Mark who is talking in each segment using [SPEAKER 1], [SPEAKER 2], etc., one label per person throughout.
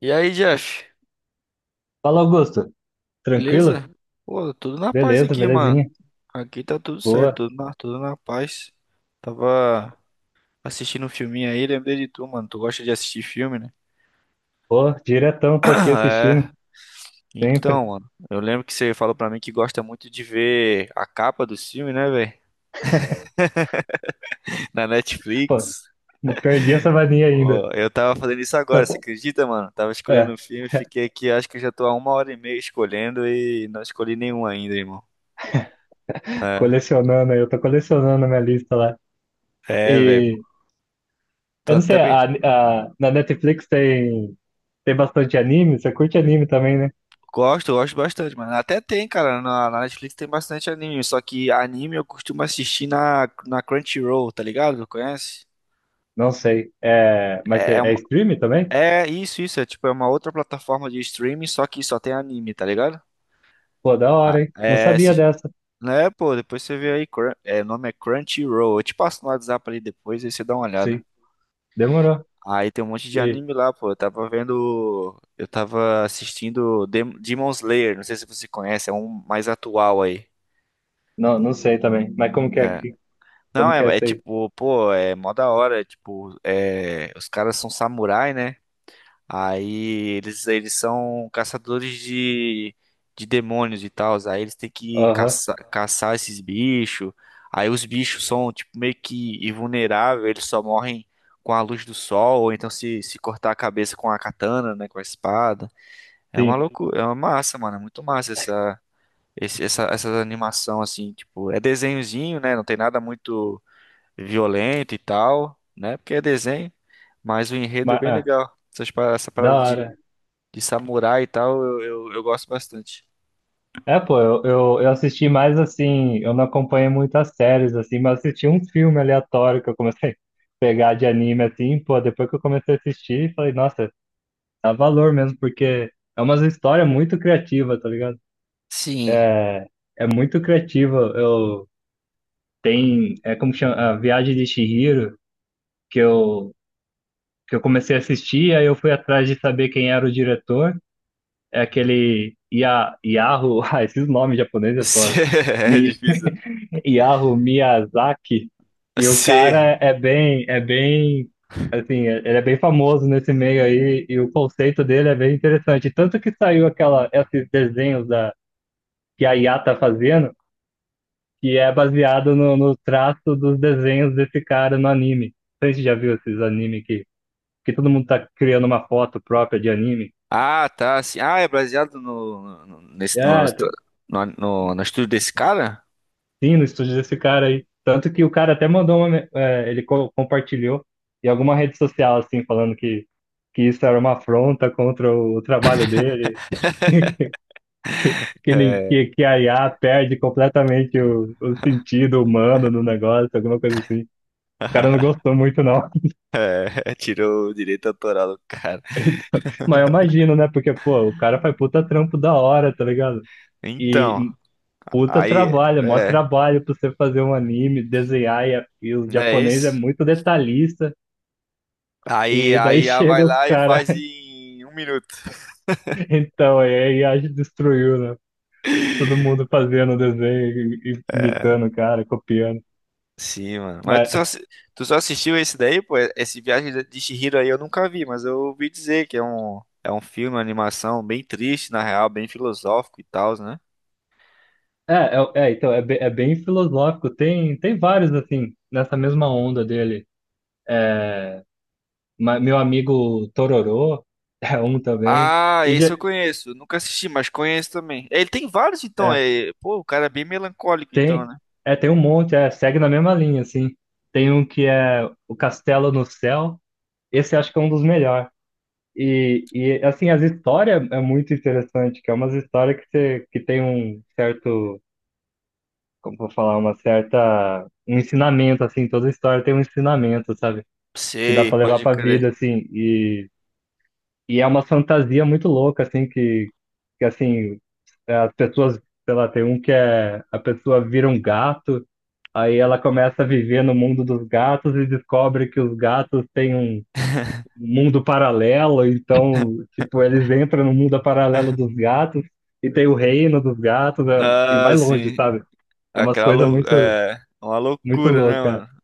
[SPEAKER 1] E aí, Jeff?
[SPEAKER 2] Fala, Augusto. Tranquilo?
[SPEAKER 1] Beleza? Pô, tudo na paz
[SPEAKER 2] Beleza,
[SPEAKER 1] aqui, mano.
[SPEAKER 2] belezinha.
[SPEAKER 1] Aqui tá tudo
[SPEAKER 2] Boa.
[SPEAKER 1] certo, tudo na paz. Tava assistindo um filminho aí, lembrei de tu, mano. Tu gosta de assistir filme, né?
[SPEAKER 2] Pô, diretão, tô aqui assistindo,
[SPEAKER 1] É.
[SPEAKER 2] sempre.
[SPEAKER 1] Então, mano, eu lembro que você falou pra mim que gosta muito de ver a capa do filme, né, velho? Na
[SPEAKER 2] Pô,
[SPEAKER 1] Netflix.
[SPEAKER 2] não perdi essa mania ainda.
[SPEAKER 1] Pô, eu tava fazendo isso agora,
[SPEAKER 2] Tá,
[SPEAKER 1] você acredita, mano? Tava escolhendo
[SPEAKER 2] é,
[SPEAKER 1] um filme, fiquei aqui, acho que já tô há uma hora e meia escolhendo e não escolhi nenhum ainda, irmão. É,
[SPEAKER 2] colecionando aí, eu tô colecionando a minha lista lá.
[SPEAKER 1] velho.
[SPEAKER 2] E
[SPEAKER 1] Tô
[SPEAKER 2] eu não sei,
[SPEAKER 1] até,
[SPEAKER 2] na Netflix tem, tem bastante anime, você curte anime também, né?
[SPEAKER 1] gosto, eu gosto bastante, mano. Até tem, cara, na Netflix tem bastante anime, só que anime eu costumo assistir na Crunchyroll, tá ligado? Conhece?
[SPEAKER 2] Não sei. É, é
[SPEAKER 1] Uma-
[SPEAKER 2] stream também?
[SPEAKER 1] é isso, é tipo, é uma outra plataforma de streaming, só que só tem anime, tá ligado?
[SPEAKER 2] Pô, da
[SPEAKER 1] Ah,
[SPEAKER 2] hora, hein? Não
[SPEAKER 1] é,
[SPEAKER 2] sabia
[SPEAKER 1] se,
[SPEAKER 2] dessa.
[SPEAKER 1] né, pô, depois você vê aí, é, o nome é Crunchyroll, eu te passo no WhatsApp ali depois, aí você dá uma olhada.
[SPEAKER 2] Sim, demorou.
[SPEAKER 1] Aí tem um monte de
[SPEAKER 2] E
[SPEAKER 1] anime lá, pô, eu tava vendo, eu tava assistindo Demon Slayer, não sei se você conhece, é um mais atual aí.
[SPEAKER 2] não, não sei também. Mas como que é
[SPEAKER 1] Né?
[SPEAKER 2] aqui?
[SPEAKER 1] Não,
[SPEAKER 2] Como que é
[SPEAKER 1] é
[SPEAKER 2] essa aí?
[SPEAKER 1] tipo, pô, é mó da hora, os caras são samurai, né? Aí eles são caçadores de demônios e tal, aí eles têm que
[SPEAKER 2] Aham,
[SPEAKER 1] caçar esses bichos, aí os bichos são, tipo, meio que invulneráveis, eles só morrem com a luz do sol, ou então se cortar a cabeça com a katana, né, com a espada. É uma
[SPEAKER 2] sim.
[SPEAKER 1] loucura, é uma massa, mano, é muito massa essa animação, assim, tipo, é desenhozinho, né, não tem nada muito violento e tal, né? Porque é desenho, mas o enredo é
[SPEAKER 2] Mas,
[SPEAKER 1] bem
[SPEAKER 2] ah,
[SPEAKER 1] legal. Essa
[SPEAKER 2] da
[SPEAKER 1] parada
[SPEAKER 2] hora.
[SPEAKER 1] de samurai e tal, eu gosto bastante.
[SPEAKER 2] É, pô, eu assisti mais assim, eu não acompanhei muitas séries, assim, mas assisti um filme aleatório que eu comecei a pegar de anime, assim. Pô, depois que eu comecei a assistir, falei, nossa, dá valor mesmo, porque é uma história muito criativa, tá ligado?
[SPEAKER 1] Sim.
[SPEAKER 2] É, é muito criativa. É como chama, a Viagem de Chihiro, que eu, que eu comecei a assistir, aí eu fui atrás de saber quem era o diretor, é aquele Ia, Yahoo, ah, esses nomes japoneses,
[SPEAKER 1] C-
[SPEAKER 2] pô,
[SPEAKER 1] É difícil.
[SPEAKER 2] Hayao Miyazaki, e o
[SPEAKER 1] C.
[SPEAKER 2] cara é bem, assim, ele é bem famoso nesse meio aí, e o conceito dele é bem interessante. Tanto que saiu aquela, esses desenhos da, que a IA tá fazendo, que é baseado no traço dos desenhos desse cara no anime. Não sei se você já viu esses anime que todo mundo tá criando uma foto própria de anime.
[SPEAKER 1] Ah, tá. Sim. Ah, é baseado no, no, nesse, no,
[SPEAKER 2] É,
[SPEAKER 1] no, no- no estúdio desse cara?
[SPEAKER 2] sim, no estúdio desse cara aí. Tanto que o cara até mandou uma. Ele compartilhou em alguma rede social, assim, falando que isso era uma afronta contra o trabalho dele, que, que, nem- que a IA perde completamente o sentido humano no negócio, alguma coisa assim. O cara não gostou muito, não.
[SPEAKER 1] É, tirou o direito autoral do cara.
[SPEAKER 2] Então, mas eu imagino, né? Porque, pô, o cara faz puta trampo da hora, tá ligado? E
[SPEAKER 1] Então,
[SPEAKER 2] puta
[SPEAKER 1] aí,
[SPEAKER 2] trabalho, mó
[SPEAKER 1] é,
[SPEAKER 2] trabalho pra você fazer um anime, desenhar, e o
[SPEAKER 1] não é
[SPEAKER 2] japonês é
[SPEAKER 1] isso?
[SPEAKER 2] muito detalhista.
[SPEAKER 1] Aí,
[SPEAKER 2] E daí
[SPEAKER 1] aí a vai
[SPEAKER 2] chega outro
[SPEAKER 1] lá e
[SPEAKER 2] cara.
[SPEAKER 1] faz em um minuto.
[SPEAKER 2] Então, aí a gente destruiu, né? Todo mundo fazendo o desenho, e
[SPEAKER 1] É,
[SPEAKER 2] imitando o cara, copiando.
[SPEAKER 1] sim, mano. Mas
[SPEAKER 2] Mas,
[SPEAKER 1] tu só assistiu esse daí, pô? Esse Viagem de Chihiro aí eu nunca vi, mas eu ouvi dizer que é é um filme, uma animação bem triste, na real, bem filosófico e tal, né?
[SPEAKER 2] é, então, é, é bem filosófico. Tem, tem vários, assim, nessa mesma onda dele. Meu amigo Tororô é um também.
[SPEAKER 1] Ah,
[SPEAKER 2] E já,
[SPEAKER 1] esse eu conheço. Nunca assisti, mas conheço também. É, ele tem vários, então.
[SPEAKER 2] é,
[SPEAKER 1] É... Pô, o cara é bem melancólico, então,
[SPEAKER 2] tem,
[SPEAKER 1] né?
[SPEAKER 2] é, tem um monte, é, segue na mesma linha, assim. Tem um que é O Castelo no Céu. Esse acho que é um dos melhores. E assim, as histórias é muito interessante, que é umas histórias que, você, que tem um certo, como eu vou falar, uma certa, um ensinamento, assim. Toda história tem um ensinamento, sabe? Que dá
[SPEAKER 1] Sei,
[SPEAKER 2] pra levar
[SPEAKER 1] pode
[SPEAKER 2] pra
[SPEAKER 1] crer.
[SPEAKER 2] vida, assim, e é uma fantasia muito louca, assim, que assim, as pessoas, sei lá, tem um que é, a pessoa vira um gato, aí ela começa a viver no mundo dos gatos e descobre que os gatos têm um mundo paralelo, então, tipo, eles entram no mundo paralelo dos gatos e tem o reino dos gatos e
[SPEAKER 1] Ah,
[SPEAKER 2] vai longe,
[SPEAKER 1] sim.
[SPEAKER 2] sabe? É umas
[SPEAKER 1] Aquela
[SPEAKER 2] coisas
[SPEAKER 1] lou...
[SPEAKER 2] muito,
[SPEAKER 1] é... uma
[SPEAKER 2] muito
[SPEAKER 1] loucura, né,
[SPEAKER 2] louca.
[SPEAKER 1] mano?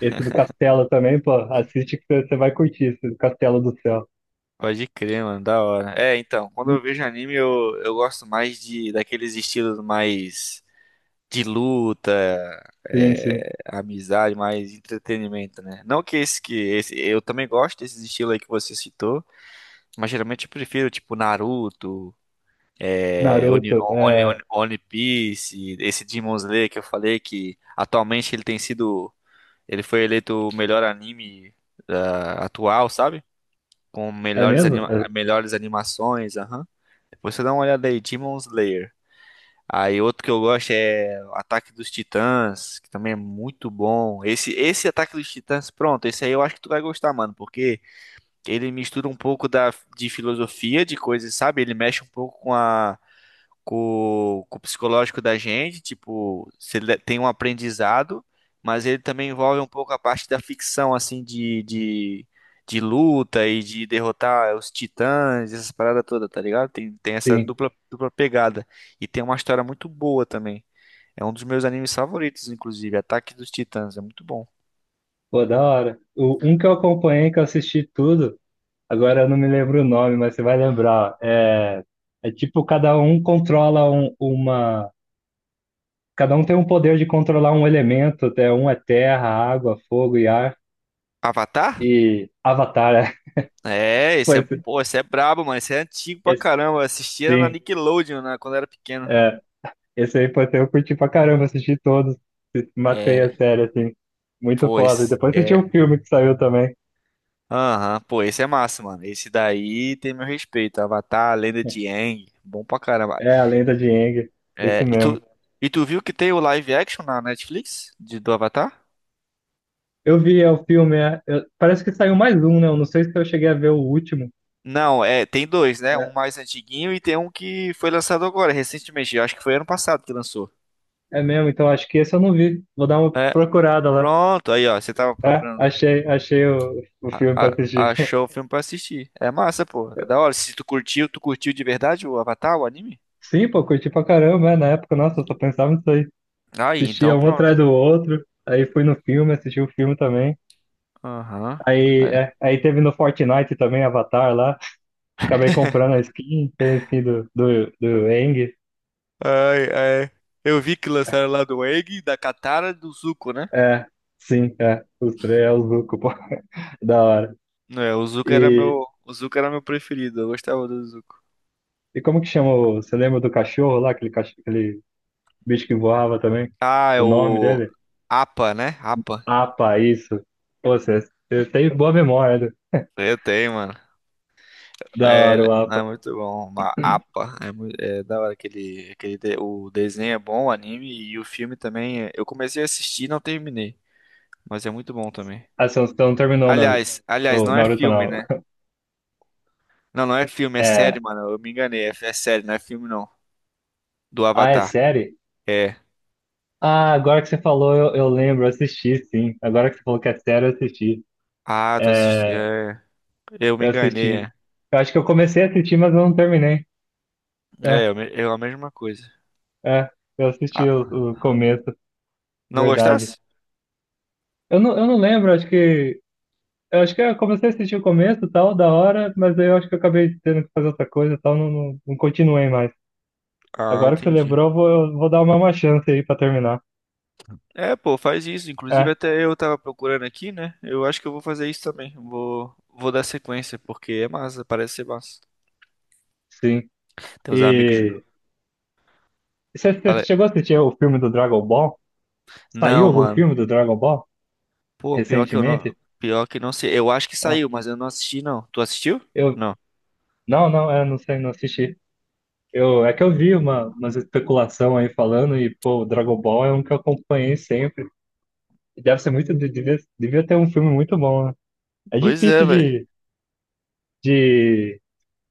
[SPEAKER 2] Esse do castelo também, pô, assiste que você vai curtir esse do Castelo do Céu.
[SPEAKER 1] Pode crer, mano, da hora. É, então, quando eu vejo anime, eu gosto mais de daqueles estilos mais de luta,
[SPEAKER 2] Sim, sim.
[SPEAKER 1] é, amizade, mais entretenimento, né? Não que esse, eu também gosto desses estilos aí que você citou, mas geralmente eu prefiro tipo Naruto, é,
[SPEAKER 2] Naruto, é,
[SPEAKER 1] One Piece, esse Demon Slayer que eu falei que atualmente ele tem sido, ele foi eleito o melhor anime ah, atual, sabe? Com
[SPEAKER 2] é
[SPEAKER 1] melhores
[SPEAKER 2] mesmo? É,
[SPEAKER 1] melhores animações, aham. Depois você dá uma olhada aí, Demon Slayer. Aí outro que eu gosto é o Ataque dos Titãs, que também é muito bom. Esse Ataque dos Titãs, pronto, esse aí eu acho que tu vai gostar, mano, porque ele mistura um pouco de filosofia, de coisas, sabe? Ele mexe um pouco com a com o psicológico da gente, tipo, se ele tem um aprendizado, mas ele também envolve um pouco a parte da ficção, assim, de luta e de derrotar os titãs, essas paradas todas, tá ligado? Tem essa
[SPEAKER 2] sim.
[SPEAKER 1] dupla pegada. E tem uma história muito boa também. É um dos meus animes favoritos, inclusive, Ataque dos Titãs, é muito bom.
[SPEAKER 2] Pô, da hora. O, um que eu acompanhei, que eu assisti tudo, agora eu não me lembro o nome, mas você vai lembrar. É, é tipo, cada um tem um poder de controlar um elemento, até um é terra, água, fogo e ar.
[SPEAKER 1] Avatar?
[SPEAKER 2] E Avatar, é,
[SPEAKER 1] É, esse
[SPEAKER 2] foi
[SPEAKER 1] é,
[SPEAKER 2] esse,
[SPEAKER 1] pô, esse é brabo, mano. Esse é antigo pra
[SPEAKER 2] esse-
[SPEAKER 1] caramba. Eu assistia na
[SPEAKER 2] sim,
[SPEAKER 1] Nickelodeon, né, quando eu era pequeno.
[SPEAKER 2] é, esse aí foi, eu curti pra caramba, assisti todos, matei a
[SPEAKER 1] É,
[SPEAKER 2] série, assim, muito
[SPEAKER 1] pô,
[SPEAKER 2] foda. E
[SPEAKER 1] esse,
[SPEAKER 2] depois assisti um
[SPEAKER 1] é,
[SPEAKER 2] filme que saiu também,
[SPEAKER 1] aham, pô, esse é massa, mano. Esse daí tem meu respeito. Avatar, a Lenda de Aang, bom pra caramba.
[SPEAKER 2] é A Lenda de Aang,
[SPEAKER 1] É,
[SPEAKER 2] esse mesmo.
[SPEAKER 1] e tu viu que tem o live action na Netflix de, do Avatar?
[SPEAKER 2] Eu vi é, o filme, é, parece que saiu mais um, né? Eu não sei se eu cheguei a ver o último.
[SPEAKER 1] Não, é, tem dois, né? Um
[SPEAKER 2] É,
[SPEAKER 1] mais antiguinho e tem um que foi lançado agora, recentemente. Eu acho que foi ano passado que lançou.
[SPEAKER 2] é mesmo, então acho que esse eu não vi. Vou dar uma
[SPEAKER 1] É,
[SPEAKER 2] procurada lá.
[SPEAKER 1] pronto, aí ó, você tava
[SPEAKER 2] É,
[SPEAKER 1] procurando,
[SPEAKER 2] achei o filme pra assistir.
[SPEAKER 1] achou o filme pra assistir. É massa, pô, é da hora. Se tu curtiu, tu curtiu de verdade o Avatar, o anime?
[SPEAKER 2] Sim, pô, curti pra caramba, né? Na época, nossa, eu só pensava nisso aí.
[SPEAKER 1] Aí,
[SPEAKER 2] Assistia
[SPEAKER 1] então
[SPEAKER 2] um atrás
[SPEAKER 1] pronto.
[SPEAKER 2] do outro. Aí fui no filme, assisti o filme também.
[SPEAKER 1] Aham.
[SPEAKER 2] Aí, é, aí teve no Fortnite também, Avatar lá. Acabei comprando a skin, tem a skin do Aang.
[SPEAKER 1] Ai, ai. Eu vi que lançaram lá do Egg, da Katara e do Zuko, né?
[SPEAKER 2] É, sim, é. Os três é o Zuko, pô. Da hora.
[SPEAKER 1] É,
[SPEAKER 2] E,
[SPEAKER 1] o Zuko era meu preferido, eu gostava do Zuko.
[SPEAKER 2] e como que chama? Você lembra do cachorro lá? Aquele, aquele bicho que voava também?
[SPEAKER 1] Ah, é
[SPEAKER 2] O nome
[SPEAKER 1] o
[SPEAKER 2] dele?
[SPEAKER 1] APA, né? APA.
[SPEAKER 2] Apa, isso. Pô, você, você tem boa memória, né?
[SPEAKER 1] Eu tenho, mano.
[SPEAKER 2] Da hora o Apa.
[SPEAKER 1] É muito bom, uma APA. É, é da hora aquele, o desenho é bom, o anime e o filme também. É, eu comecei a assistir e não terminei, mas é muito bom também.
[SPEAKER 2] A Assunção terminou o Naruto.
[SPEAKER 1] Aliás, aliás,
[SPEAKER 2] Ou
[SPEAKER 1] não é
[SPEAKER 2] Naruto
[SPEAKER 1] filme,
[SPEAKER 2] não.
[SPEAKER 1] né? Não, não é filme, é série,
[SPEAKER 2] É.
[SPEAKER 1] mano. Eu me enganei, é, é série, não é filme não, do
[SPEAKER 2] Ah, é
[SPEAKER 1] Avatar.
[SPEAKER 2] série?
[SPEAKER 1] É.
[SPEAKER 2] Ah, agora que você falou, eu lembro, eu assisti, sim. Agora que você falou que é série, eu assisti.
[SPEAKER 1] Ah, tu assisti.
[SPEAKER 2] É,
[SPEAKER 1] É, eu me
[SPEAKER 2] eu
[SPEAKER 1] enganei.
[SPEAKER 2] assisti.
[SPEAKER 1] É,
[SPEAKER 2] Eu acho que eu comecei a assistir, mas eu não terminei. É,
[SPEAKER 1] é eu, me- eu a mesma coisa.
[SPEAKER 2] é. Eu assisti
[SPEAKER 1] Ah,
[SPEAKER 2] o começo,
[SPEAKER 1] não
[SPEAKER 2] verdade.
[SPEAKER 1] gostasse?
[SPEAKER 2] Eu não lembro, acho que. Eu acho que eu comecei a assistir o começo, tal, da hora, mas aí eu acho que eu acabei tendo que fazer outra coisa, tal, não continuei mais.
[SPEAKER 1] Ah,
[SPEAKER 2] Agora que você
[SPEAKER 1] entendi.
[SPEAKER 2] lembrou, eu vou dar uma chance aí pra terminar.
[SPEAKER 1] É, pô, faz isso. Inclusive,
[SPEAKER 2] É,
[SPEAKER 1] até eu tava procurando aqui, né? Eu acho que eu vou fazer isso também. Vou dar sequência, porque é massa, parece ser massa.
[SPEAKER 2] sim.
[SPEAKER 1] Tem uns amigos.
[SPEAKER 2] E. Você você
[SPEAKER 1] Fala-
[SPEAKER 2] chegou a assistir o filme do Dragon Ball? Saiu
[SPEAKER 1] Não,
[SPEAKER 2] algum
[SPEAKER 1] mano.
[SPEAKER 2] filme do Dragon Ball
[SPEAKER 1] Pô, pior que eu não.
[SPEAKER 2] recentemente?
[SPEAKER 1] Pior que não sei. Eu acho que
[SPEAKER 2] Ah,
[SPEAKER 1] saiu, mas eu não assisti, não. Tu assistiu?
[SPEAKER 2] eu
[SPEAKER 1] Não.
[SPEAKER 2] não, não, é, não sei, não assisti. Eu é que eu vi uma umas especulação aí falando, e pô, o Dragon Ball é um que eu acompanhei sempre. E deve ser muito, devia, devia ter um filme muito bom, né? É
[SPEAKER 1] Pois é,
[SPEAKER 2] difícil
[SPEAKER 1] velho.
[SPEAKER 2] de,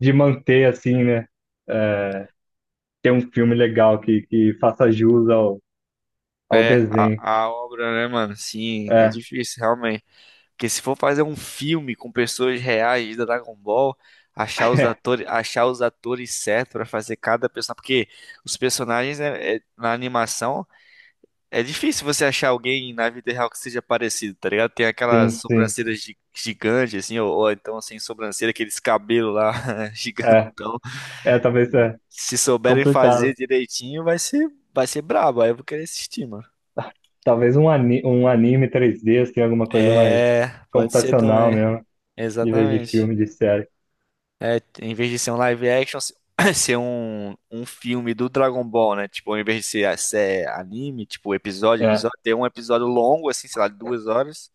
[SPEAKER 2] de manter assim, né? É, ter um filme legal que faça jus ao, ao
[SPEAKER 1] É,
[SPEAKER 2] desenho.
[SPEAKER 1] a obra, né, mano? Sim, é
[SPEAKER 2] É,
[SPEAKER 1] difícil, realmente. Porque se for fazer um filme com pessoas reais da Dragon Ball, achar os atores certos pra fazer cada personagem, porque os personagens na animação é difícil você achar alguém na vida real que seja parecido, tá ligado? Tem aquelas
[SPEAKER 2] sim, sim.
[SPEAKER 1] sobrancelhas gigantes assim, ou então sem sobrancelha, aqueles cabelos lá
[SPEAKER 2] É,
[SPEAKER 1] gigantão.
[SPEAKER 2] é talvez é
[SPEAKER 1] Se souberem fazer
[SPEAKER 2] complicado.
[SPEAKER 1] direitinho, vai ser brabo, aí eu vou querer assistir, mano.
[SPEAKER 2] Talvez um, ani um anime 3D, assim, alguma coisa mais
[SPEAKER 1] É, pode ser
[SPEAKER 2] computacional
[SPEAKER 1] também.
[SPEAKER 2] mesmo, em vez de
[SPEAKER 1] Exatamente.
[SPEAKER 2] filme, de série.
[SPEAKER 1] É, em vez de ser um live action, ser um filme do Dragon Ball, né? Tipo, em vez de ser anime, tipo,
[SPEAKER 2] É,
[SPEAKER 1] episódio, ter um episódio longo, assim, sei lá, de duas horas,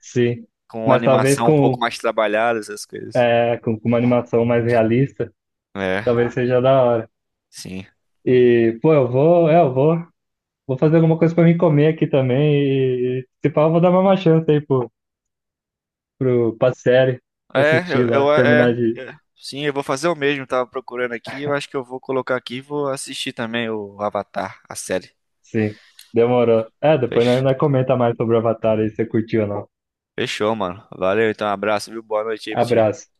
[SPEAKER 2] sim.
[SPEAKER 1] com
[SPEAKER 2] Mas talvez
[SPEAKER 1] animação um pouco
[SPEAKER 2] com,
[SPEAKER 1] mais trabalhada, essas coisas.
[SPEAKER 2] é, com uma animação mais realista,
[SPEAKER 1] É,
[SPEAKER 2] talvez seja da hora.
[SPEAKER 1] sim.
[SPEAKER 2] E, pô, eu vou, vou fazer alguma coisa pra mim comer aqui também. E se pá, eu vou dar uma chance aí pra série,
[SPEAKER 1] É,
[SPEAKER 2] assistir lá, terminar de.
[SPEAKER 1] sim, eu vou fazer o mesmo, tava procurando aqui, eu acho que eu vou colocar aqui e vou assistir também o Avatar, a série.
[SPEAKER 2] Sim, demorou. É, depois nós
[SPEAKER 1] Fech-
[SPEAKER 2] nós comenta mais sobre o Avatar aí, se você curtiu ou não.
[SPEAKER 1] Fechou, mano. Valeu, então, abraço, viu? Boa noite aí pra ti.
[SPEAKER 2] Abraço.